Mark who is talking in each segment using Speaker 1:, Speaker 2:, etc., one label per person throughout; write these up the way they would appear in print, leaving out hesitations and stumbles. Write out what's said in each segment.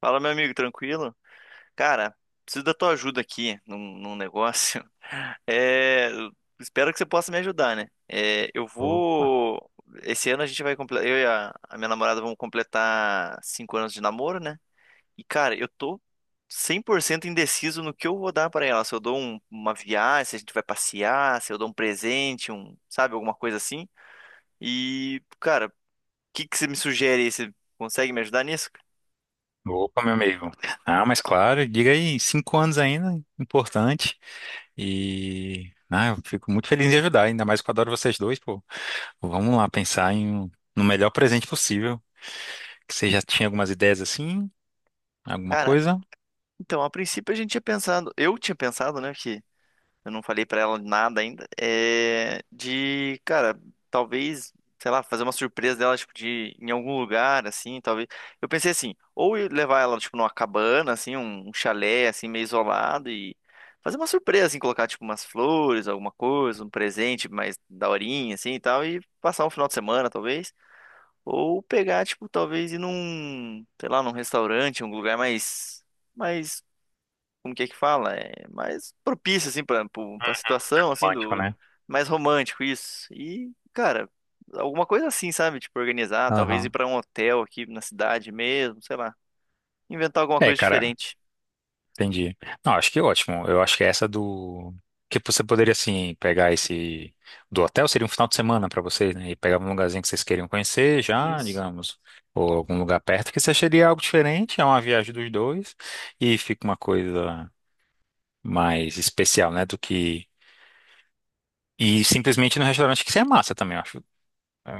Speaker 1: Fala, meu amigo, tranquilo? Cara, preciso da tua ajuda aqui num negócio. É, espero que você possa me ajudar, né? É, eu
Speaker 2: Ô-
Speaker 1: vou. Esse ano a gente vai completar. Eu e a minha namorada vamos completar 5 anos de namoro, né? E, cara, eu tô 100% indeciso no que eu vou dar pra ela. Se eu dou uma viagem, se a gente vai passear, se eu dou um presente, sabe, alguma coisa assim. E, cara, o que que você me sugere aí? Você consegue me ajudar nisso?
Speaker 2: Opa, meu amigo. Ah, mas claro, diga aí, 5 anos ainda, importante. Eu fico muito feliz em ajudar, ainda mais que eu adoro vocês dois, pô. Vamos lá pensar em no melhor presente possível. Que você já tinha algumas ideias assim, alguma
Speaker 1: Cara,
Speaker 2: coisa?
Speaker 1: então, a princípio a gente tinha pensado, eu tinha pensado, né, que eu não falei pra ela nada ainda, é de, cara, talvez, sei lá, fazer uma surpresa dela, tipo, de em algum lugar, assim, talvez. Eu pensei assim, ou eu levar ela, tipo, numa cabana, assim, um chalé, assim, meio isolado e fazer uma surpresa, assim, colocar, tipo, umas flores, alguma coisa, um presente mais daorinha, assim, e tal, e passar um final de semana, talvez. Ou pegar, tipo, talvez ir num, sei lá, num restaurante, um lugar mais como que é que fala? É mais propício, assim, pra situação, assim,
Speaker 2: Romântico,
Speaker 1: do...
Speaker 2: né?
Speaker 1: Mais romântico isso. E, cara, alguma coisa assim, sabe? Tipo, organizar, talvez ir
Speaker 2: Aham.
Speaker 1: pra um hotel aqui na cidade mesmo, sei lá. Inventar alguma
Speaker 2: É,
Speaker 1: coisa
Speaker 2: cara,
Speaker 1: diferente.
Speaker 2: entendi. Não, acho que ótimo. Eu acho que é essa do. Que você poderia, assim, pegar esse. Do hotel seria um final de semana pra vocês, né? E pegar um lugarzinho que vocês queriam conhecer já,
Speaker 1: Isso.
Speaker 2: digamos. Ou algum lugar perto, que você seria algo diferente. É uma viagem dos dois. E fica uma coisa mais especial, né? Do que. E simplesmente no restaurante que você é massa também. É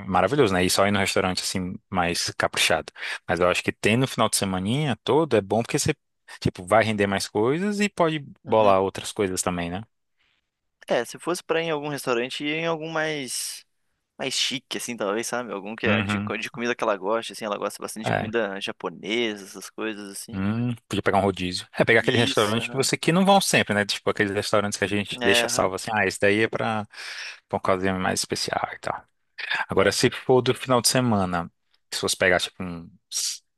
Speaker 2: maravilhoso, né? E só ir no restaurante assim, mais caprichado. Mas eu acho que ter no final de semaninha todo é bom porque você, tipo, vai render mais coisas e pode
Speaker 1: Uhum.
Speaker 2: bolar outras coisas também, né?
Speaker 1: É, se fosse pra ir em algum restaurante, ia em algum mais chique, assim, talvez, sabe? Algum que é de,
Speaker 2: Uhum.
Speaker 1: co- de comida que ela gosta, assim. Ela gosta bastante de
Speaker 2: É.
Speaker 1: comida japonesa, essas coisas, assim.
Speaker 2: Podia pegar um rodízio. É, pegar aquele
Speaker 1: Isso,
Speaker 2: restaurante que
Speaker 1: aham.
Speaker 2: você que não vão sempre, né? Tipo, aqueles restaurantes que a gente
Speaker 1: É,
Speaker 2: deixa
Speaker 1: aham.
Speaker 2: salvo assim, ah, esse daí é pra, pra uma ocasião mais especial e tal. Agora,
Speaker 1: É.
Speaker 2: se for do final de semana, se você pegar, tipo, um...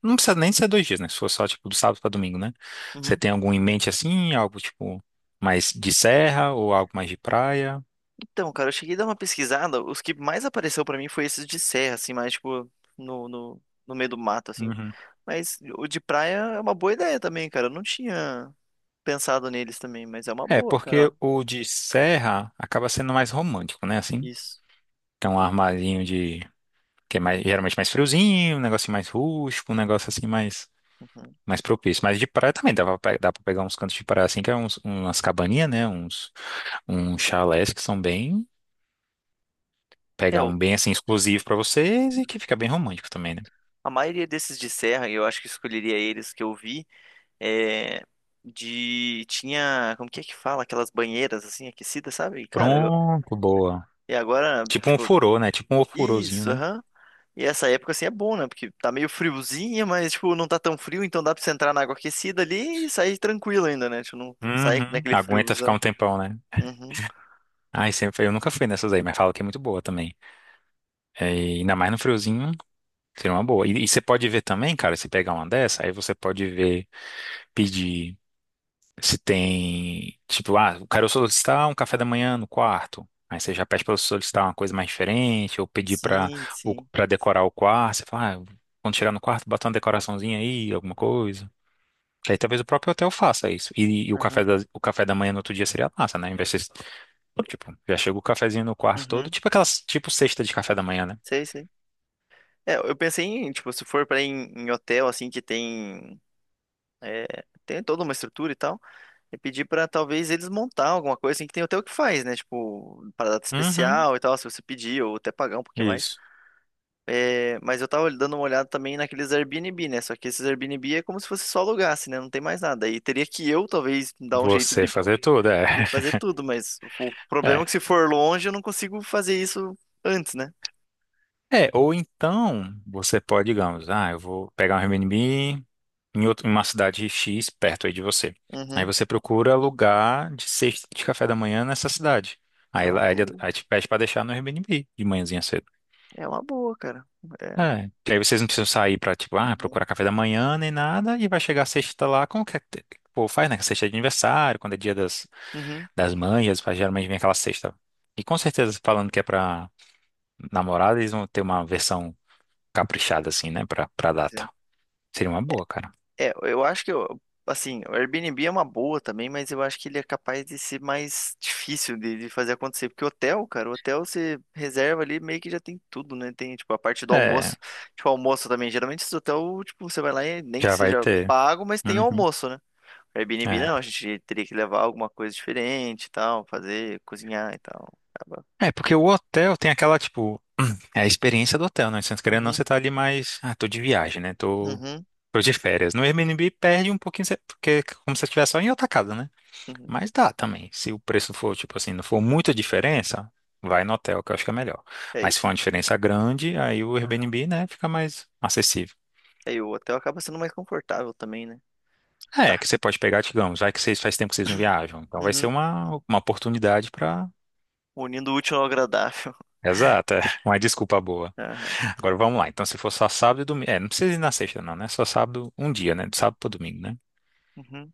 Speaker 2: Não precisa nem ser dois dias, né? Se for só, tipo, do sábado para domingo, né? Você
Speaker 1: Uhum.
Speaker 2: tem algum em mente, assim? Algo, tipo, mais de serra ou algo mais de praia?
Speaker 1: Então, cara, eu cheguei a dar uma pesquisada, os que mais apareceu pra mim foi esses de serra, assim, mais tipo no, no, no meio do mato, assim.
Speaker 2: Uhum.
Speaker 1: Mas o de praia é uma boa ideia também, cara. Eu não tinha pensado neles também, mas é uma
Speaker 2: É,
Speaker 1: boa,
Speaker 2: porque
Speaker 1: cara.
Speaker 2: o de serra acaba sendo mais romântico, né? Assim,
Speaker 1: Isso.
Speaker 2: tem um armarinho de... Que é mais, geralmente mais friozinho, um negócio mais rústico, um negócio, assim, mais...
Speaker 1: Uhum.
Speaker 2: Mais propício. Mas de praia também dá pra, dá pra pegar uns cantos de praia, assim, que é uns, umas cabaninhas, né? Uns, uns chalés que são bem...
Speaker 1: É,
Speaker 2: pegar um bem assim exclusivo pra vocês e que fica bem romântico também, né?
Speaker 1: a maioria desses de serra, eu acho que escolheria eles que eu vi, é de tinha, como que é que fala, aquelas banheiras assim aquecidas, sabe? E, cara, eu,
Speaker 2: Pronto, boa.
Speaker 1: e agora,
Speaker 2: Tipo um
Speaker 1: tipo,
Speaker 2: furô, né? Tipo um ofurôzinho,
Speaker 1: isso,
Speaker 2: né?
Speaker 1: aham. E essa época, assim, é bom, né? Porque tá meio friozinha, mas, tipo, não tá tão frio, então dá pra você entrar na água aquecida ali e sair tranquilo ainda, né? Tipo, não sair
Speaker 2: Uhum.
Speaker 1: naquele
Speaker 2: Aguenta ficar um
Speaker 1: friozão.
Speaker 2: tempão, né?
Speaker 1: Uhum.
Speaker 2: Ai, sempre, eu nunca fui nessas aí, mas falo que é muito boa também. É, e ainda mais no friozinho, seria uma boa. E você pode ver também, cara, se pegar uma dessa, aí você pode ver, pedir. Se tem, tipo, ah, eu quero solicitar um café da manhã no quarto. Aí você já pede para solicitar uma coisa mais diferente, ou pedir para
Speaker 1: Sim, sim.
Speaker 2: para decorar o quarto. Você fala, ah, quando chegar no quarto, bota uma decoraçãozinha aí, alguma coisa. Que aí talvez o próprio hotel faça isso. E,
Speaker 1: Aham.
Speaker 2: o café da manhã no outro dia seria massa, né? Em vez de, tipo, já chega o cafezinho no quarto todo,
Speaker 1: Uhum.
Speaker 2: tipo aquelas, tipo cesta de café da manhã, né?
Speaker 1: Sei, sei. É, eu pensei em, tipo, se for pra ir em hotel, assim, que tem... é, tem toda uma estrutura e tal, e pedir pra talvez eles montar alguma coisa, assim, que tem hotel que faz, né? Tipo, para data
Speaker 2: Uhum,
Speaker 1: especial e tal, se você pedir, ou até pagar um pouquinho mais.
Speaker 2: isso.
Speaker 1: É, mas eu tava dando uma olhada também naqueles Airbnb, né? Só que esses Airbnb é como se fosse só alugasse, né? Não tem mais nada. Aí teria que eu, talvez, dar um jeito
Speaker 2: Você
Speaker 1: de,
Speaker 2: fazer tudo,
Speaker 1: de
Speaker 2: é.
Speaker 1: fazer tudo, mas o problema é que se for longe, eu não consigo fazer isso antes, né?
Speaker 2: É, ou então você pode, digamos, ah, eu vou pegar um Airbnb em em uma cidade X perto aí de você. Aí
Speaker 1: Uhum.
Speaker 2: você procura lugar de cesta de café da manhã nessa cidade.
Speaker 1: É
Speaker 2: Aí,
Speaker 1: uma
Speaker 2: aí,
Speaker 1: boa.
Speaker 2: aí te pede para deixar no Airbnb de manhãzinha cedo.
Speaker 1: É uma boa, cara. É.
Speaker 2: É. Que aí vocês não precisam sair para tipo, ah,
Speaker 1: Uhum.
Speaker 2: procurar café da manhã nem nada e vai chegar a sexta lá com o que é que pô, faz, né? Sexta é de aniversário, quando é dia das,
Speaker 1: Uhum.
Speaker 2: das mães, geralmente vem aquela sexta. E com certeza falando que é pra namorada, eles vão ter uma versão caprichada, assim, né, pra, pra
Speaker 1: Pois é.
Speaker 2: data. Seria uma boa, cara.
Speaker 1: É, eu acho que, assim, o Airbnb é uma boa também, mas eu acho que ele é capaz de ser mais difícil de fazer acontecer. Porque hotel, cara, o hotel você reserva ali, meio que já tem tudo, né? Tem, tipo, a parte do
Speaker 2: É,
Speaker 1: almoço. Tipo, almoço também. Geralmente esse hotel, tipo, você vai lá e nem que
Speaker 2: já vai
Speaker 1: seja
Speaker 2: ter.
Speaker 1: pago, mas tem
Speaker 2: Uhum,
Speaker 1: almoço, né? Airbnb não,
Speaker 2: é.
Speaker 1: a gente teria que levar alguma coisa diferente e tal, fazer, cozinhar e tal. Acaba.
Speaker 2: É, porque o hotel tem aquela, tipo, é a experiência do hotel, né? Você querendo ou não,
Speaker 1: Uhum,
Speaker 2: você tá ali mais. Ah, tô de viagem, né? Tô,
Speaker 1: uhum,
Speaker 2: tô de férias. No Airbnb perde um pouquinho, porque é como se você estivesse só em outra casa, né?
Speaker 1: uhum.
Speaker 2: Mas dá também. Se o preço for, tipo assim, não for muita diferença, vai no hotel, que eu acho que é melhor.
Speaker 1: E aí,
Speaker 2: Mas se for uma diferença grande, aí o
Speaker 1: aham.
Speaker 2: Airbnb, né, fica mais acessível.
Speaker 1: E aí o hotel acaba sendo mais confortável também, né?
Speaker 2: É,
Speaker 1: Tá.
Speaker 2: que você pode pegar, digamos, já que vocês faz tempo que vocês não viajam. Então vai ser
Speaker 1: Uhum.
Speaker 2: uma oportunidade para.
Speaker 1: Unindo o útil ao agradável.
Speaker 2: Exato, é uma desculpa boa.
Speaker 1: Aham.
Speaker 2: Agora vamos lá. Então, se for só sábado e domingo. É, não precisa ir na sexta, não, né? Só sábado, um dia, né? De sábado para domingo, né?
Speaker 1: Uhum.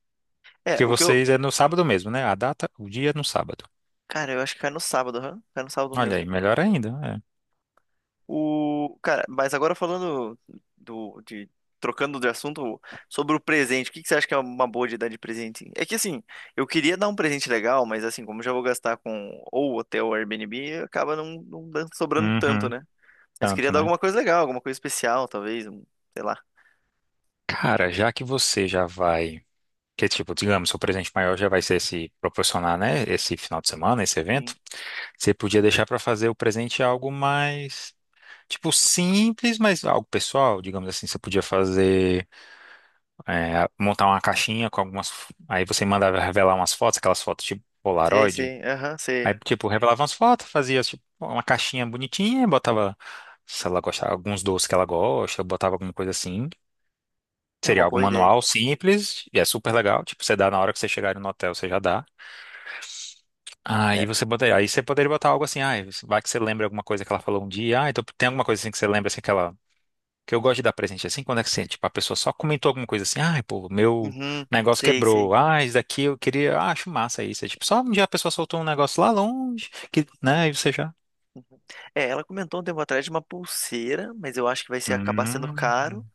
Speaker 2: Porque
Speaker 1: É, o que eu.
Speaker 2: vocês é no sábado mesmo, né? A data, o dia é no sábado.
Speaker 1: Cara, eu acho que cai no sábado, aham. Cai no sábado
Speaker 2: Olha
Speaker 1: mesmo.
Speaker 2: aí, melhor ainda.
Speaker 1: O. Cara, mas agora do. De... trocando de assunto sobre o presente, o que que você acha que é uma boa de dar de presente? É que assim, eu queria dar um presente legal, mas assim, como eu já vou gastar com ou hotel ou Airbnb, acaba não
Speaker 2: É.
Speaker 1: sobrando tanto,
Speaker 2: Uhum,
Speaker 1: né? Mas queria
Speaker 2: tanto,
Speaker 1: dar
Speaker 2: né?
Speaker 1: alguma coisa legal, alguma coisa especial, talvez, sei lá.
Speaker 2: Cara, já que você já vai. Que tipo, digamos, seu presente maior já vai ser se proporcionar, né? Esse final de semana, esse evento.
Speaker 1: Sim.
Speaker 2: Você podia deixar para fazer o presente algo mais tipo, simples, mas algo pessoal, digamos assim, você podia fazer, é, montar uma caixinha com algumas, aí você mandava revelar umas fotos, aquelas fotos tipo
Speaker 1: Sei,
Speaker 2: Polaroid,
Speaker 1: sei, aham, sei.
Speaker 2: aí tipo, revelava umas fotos, fazia tipo uma caixinha bonitinha, botava, se ela gostava, alguns doces que ela gosta, botava alguma coisa assim,
Speaker 1: É uma
Speaker 2: seria algo
Speaker 1: boa ideia.
Speaker 2: manual, simples, e é super legal, tipo, você dá na hora que você chegar no hotel, você já dá,
Speaker 1: É.
Speaker 2: aí você botaria, aí você poderia botar algo assim, ah, vai que você lembra alguma coisa que ela falou um dia, ah, então tem alguma coisa assim que você lembra, assim, que ela que eu gosto de dar presente assim, quando é que assim, tipo, a pessoa só comentou alguma coisa assim, ai, pô, meu
Speaker 1: Uhum,
Speaker 2: negócio
Speaker 1: sei, sei.
Speaker 2: quebrou, ah, isso daqui eu queria, ah, acho massa isso. É tipo, só um dia a pessoa soltou um negócio lá longe, que, né, e você já.
Speaker 1: Uhum. É, ela comentou um tempo atrás de uma pulseira, mas eu acho que vai ser acabar sendo
Speaker 2: Hum,
Speaker 1: caro.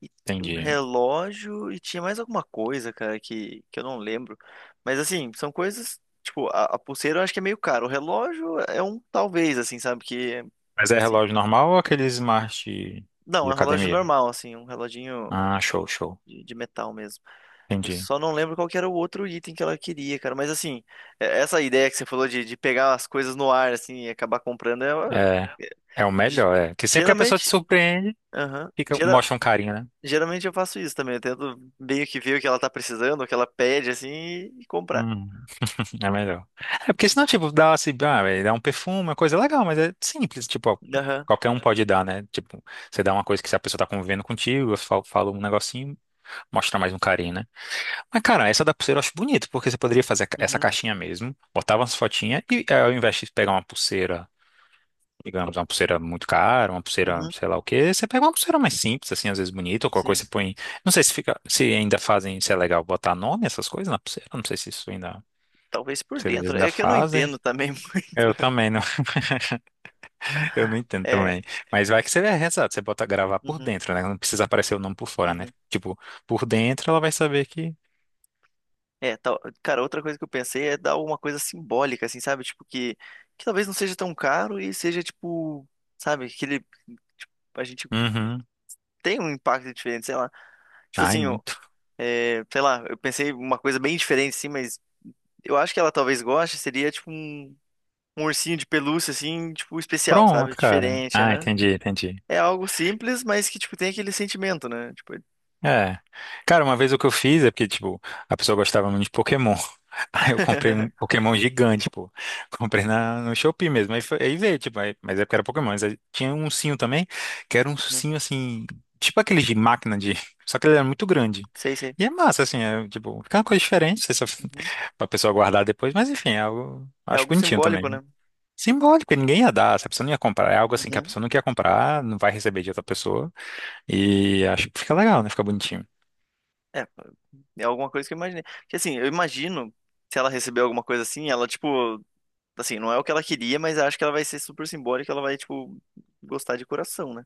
Speaker 1: E um
Speaker 2: entendi.
Speaker 1: relógio e tinha mais alguma coisa, cara, que eu não lembro. Mas assim, são coisas. Tipo, a pulseira eu acho que é meio caro. O relógio é um talvez, assim, sabe? Que.
Speaker 2: Mas é
Speaker 1: Assim,
Speaker 2: relógio normal ou aquele smart
Speaker 1: não,
Speaker 2: de
Speaker 1: é um relógio
Speaker 2: academia?
Speaker 1: normal, assim, um reloginho
Speaker 2: Ah, show, show.
Speaker 1: de metal mesmo. Eu
Speaker 2: Entendi.
Speaker 1: só não lembro qual que era o outro item que ela queria, cara. Mas assim, essa ideia que você falou de pegar as coisas no ar, assim, e acabar comprando, é,
Speaker 2: É, é o
Speaker 1: Ge-
Speaker 2: melhor, é. Que sempre que a pessoa te
Speaker 1: Geralmente.
Speaker 2: surpreende,
Speaker 1: Aham.
Speaker 2: fica,
Speaker 1: Gera-
Speaker 2: mostra um carinho, né?
Speaker 1: geralmente eu faço isso também. Eu tento meio que ver o que ela tá precisando, o que ela pede, assim, e comprar.
Speaker 2: Hum. É melhor. É porque senão, tipo, dá assim, ah, velho, dá um perfume, uma coisa legal, mas é simples, tipo, ó,
Speaker 1: Aham.
Speaker 2: qualquer um pode dar, né? Tipo, você dá uma coisa que se a pessoa tá convivendo contigo, eu falo, falo um negocinho, mostra mais um carinho, né? Mas, cara, essa da pulseira eu acho bonito, porque você poderia fazer essa
Speaker 1: Uhum.
Speaker 2: caixinha mesmo, botava umas fotinhas e é, ao invés de pegar uma pulseira, digamos, uma pulseira muito cara, uma pulseira,
Speaker 1: Uhum.
Speaker 2: sei lá o quê, você pega uma pulseira mais simples, assim, às vezes bonita, ou qualquer
Speaker 1: Sim.
Speaker 2: coisa você põe. Não sei se fica, se ainda fazem, se é legal botar nome, essas coisas na pulseira, não sei se isso ainda,
Speaker 1: Talvez por
Speaker 2: se eles
Speaker 1: dentro.
Speaker 2: ainda
Speaker 1: É que eu não
Speaker 2: fazem.
Speaker 1: entendo também
Speaker 2: Eu
Speaker 1: muito.
Speaker 2: também não, eu não entendo
Speaker 1: É.
Speaker 2: também. Mas vai que você é exato, você bota gravar por
Speaker 1: Uhum.
Speaker 2: dentro, né? Não precisa aparecer o nome por fora, né?
Speaker 1: Uhum.
Speaker 2: Tipo, por dentro ela vai saber que.
Speaker 1: É, cara, outra coisa que eu pensei é dar alguma coisa simbólica, assim, sabe? Tipo, que talvez não seja tão caro e seja, tipo, sabe, aquele. Tipo, a gente
Speaker 2: Uhum.
Speaker 1: tem um impacto diferente, sei lá. Tipo
Speaker 2: Ai,
Speaker 1: assim, ó,
Speaker 2: muito.
Speaker 1: é, sei lá, eu pensei uma coisa bem diferente, assim, mas. Eu acho que ela talvez goste, seria tipo um ursinho de pelúcia, assim, tipo, especial,
Speaker 2: Pronto,
Speaker 1: sabe?
Speaker 2: cara.
Speaker 1: Diferente,
Speaker 2: Ah,
Speaker 1: aham.
Speaker 2: entendi, entendi.
Speaker 1: É algo simples, mas que, tipo, tem aquele sentimento, né? Tipo,
Speaker 2: É. Cara, uma vez o que eu fiz é porque, tipo, a pessoa gostava muito de Pokémon. Aí eu comprei um Pokémon gigante, pô. Comprei na, no Shopee mesmo. Aí, foi, aí veio, tipo, mas é porque era Pokémon. Mas aí tinha um ursinho também, que era um
Speaker 1: Uhum.
Speaker 2: ursinho assim, tipo aquele de máquina de. Só que ele era muito grande.
Speaker 1: Sei, sei.
Speaker 2: E é massa, assim, é, tipo, fica uma coisa diferente, essa,
Speaker 1: Uhum.
Speaker 2: pra pessoa guardar depois. Mas enfim, é algo.
Speaker 1: É
Speaker 2: Acho
Speaker 1: algo
Speaker 2: bonitinho também.
Speaker 1: simbólico, né?
Speaker 2: Simbólico, e ninguém ia dar, essa pessoa não ia comprar. É algo assim que a
Speaker 1: Uhum.
Speaker 2: pessoa não quer comprar, não vai receber de outra pessoa. E acho que fica legal, né? Fica bonitinho.
Speaker 1: É, é alguma coisa que eu imaginei. Porque, assim, eu imagino, se ela receber alguma coisa assim, ela, tipo, assim, não é o que ela queria, mas acho que ela vai ser super simbólica, ela vai, tipo, gostar de coração, né?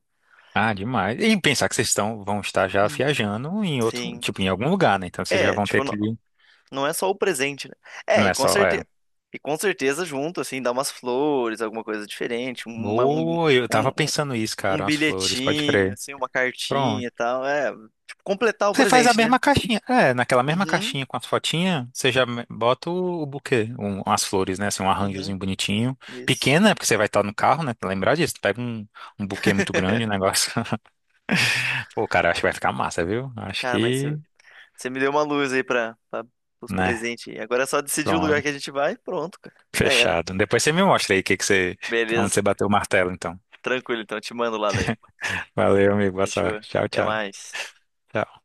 Speaker 2: Ah, demais. E pensar que vocês estão, vão estar já
Speaker 1: Uhum.
Speaker 2: viajando em outro,
Speaker 1: Sim.
Speaker 2: tipo, em algum lugar, né? Então vocês já
Speaker 1: É,
Speaker 2: vão
Speaker 1: tipo,
Speaker 2: ter que.
Speaker 1: não é só o presente, né? É,
Speaker 2: Não
Speaker 1: e
Speaker 2: é
Speaker 1: com
Speaker 2: só,
Speaker 1: certeza.
Speaker 2: é.
Speaker 1: E com certeza junto, assim, dá umas flores, alguma coisa diferente,
Speaker 2: Boa, eu tava
Speaker 1: um, um,
Speaker 2: pensando isso,
Speaker 1: um
Speaker 2: cara, umas flores, pode
Speaker 1: bilhetinho,
Speaker 2: crer.
Speaker 1: assim, uma cartinha
Speaker 2: Pronto.
Speaker 1: e tal. É, tipo, completar o
Speaker 2: Você faz a
Speaker 1: presente, né?
Speaker 2: mesma caixinha. É, naquela mesma
Speaker 1: Uhum,
Speaker 2: caixinha com as fotinhas, você já bota o buquê, um, as flores, né? Assim, um
Speaker 1: uhum,
Speaker 2: arranjozinho bonitinho.
Speaker 1: isso.
Speaker 2: Pequena, né? Porque você vai estar no carro, né? Lembrar disso. Pega um, um buquê muito grande, o negócio. Pô, cara, acho que vai ficar massa, viu? Acho
Speaker 1: Cara, mas você
Speaker 2: que,
Speaker 1: você me deu uma luz aí para os
Speaker 2: né?
Speaker 1: presentes. Aí. Agora é só decidir o lugar
Speaker 2: Pronto.
Speaker 1: que a gente vai e pronto, cara. Já era.
Speaker 2: Fechado. Depois você me mostra aí o que que você, onde
Speaker 1: Beleza.
Speaker 2: você bateu o martelo, então.
Speaker 1: Tranquilo, então. Te mando lá daí.
Speaker 2: Valeu, amigo. Boa
Speaker 1: Fechou.
Speaker 2: sorte. Tchau,
Speaker 1: Até
Speaker 2: tchau.
Speaker 1: mais.
Speaker 2: Tchau.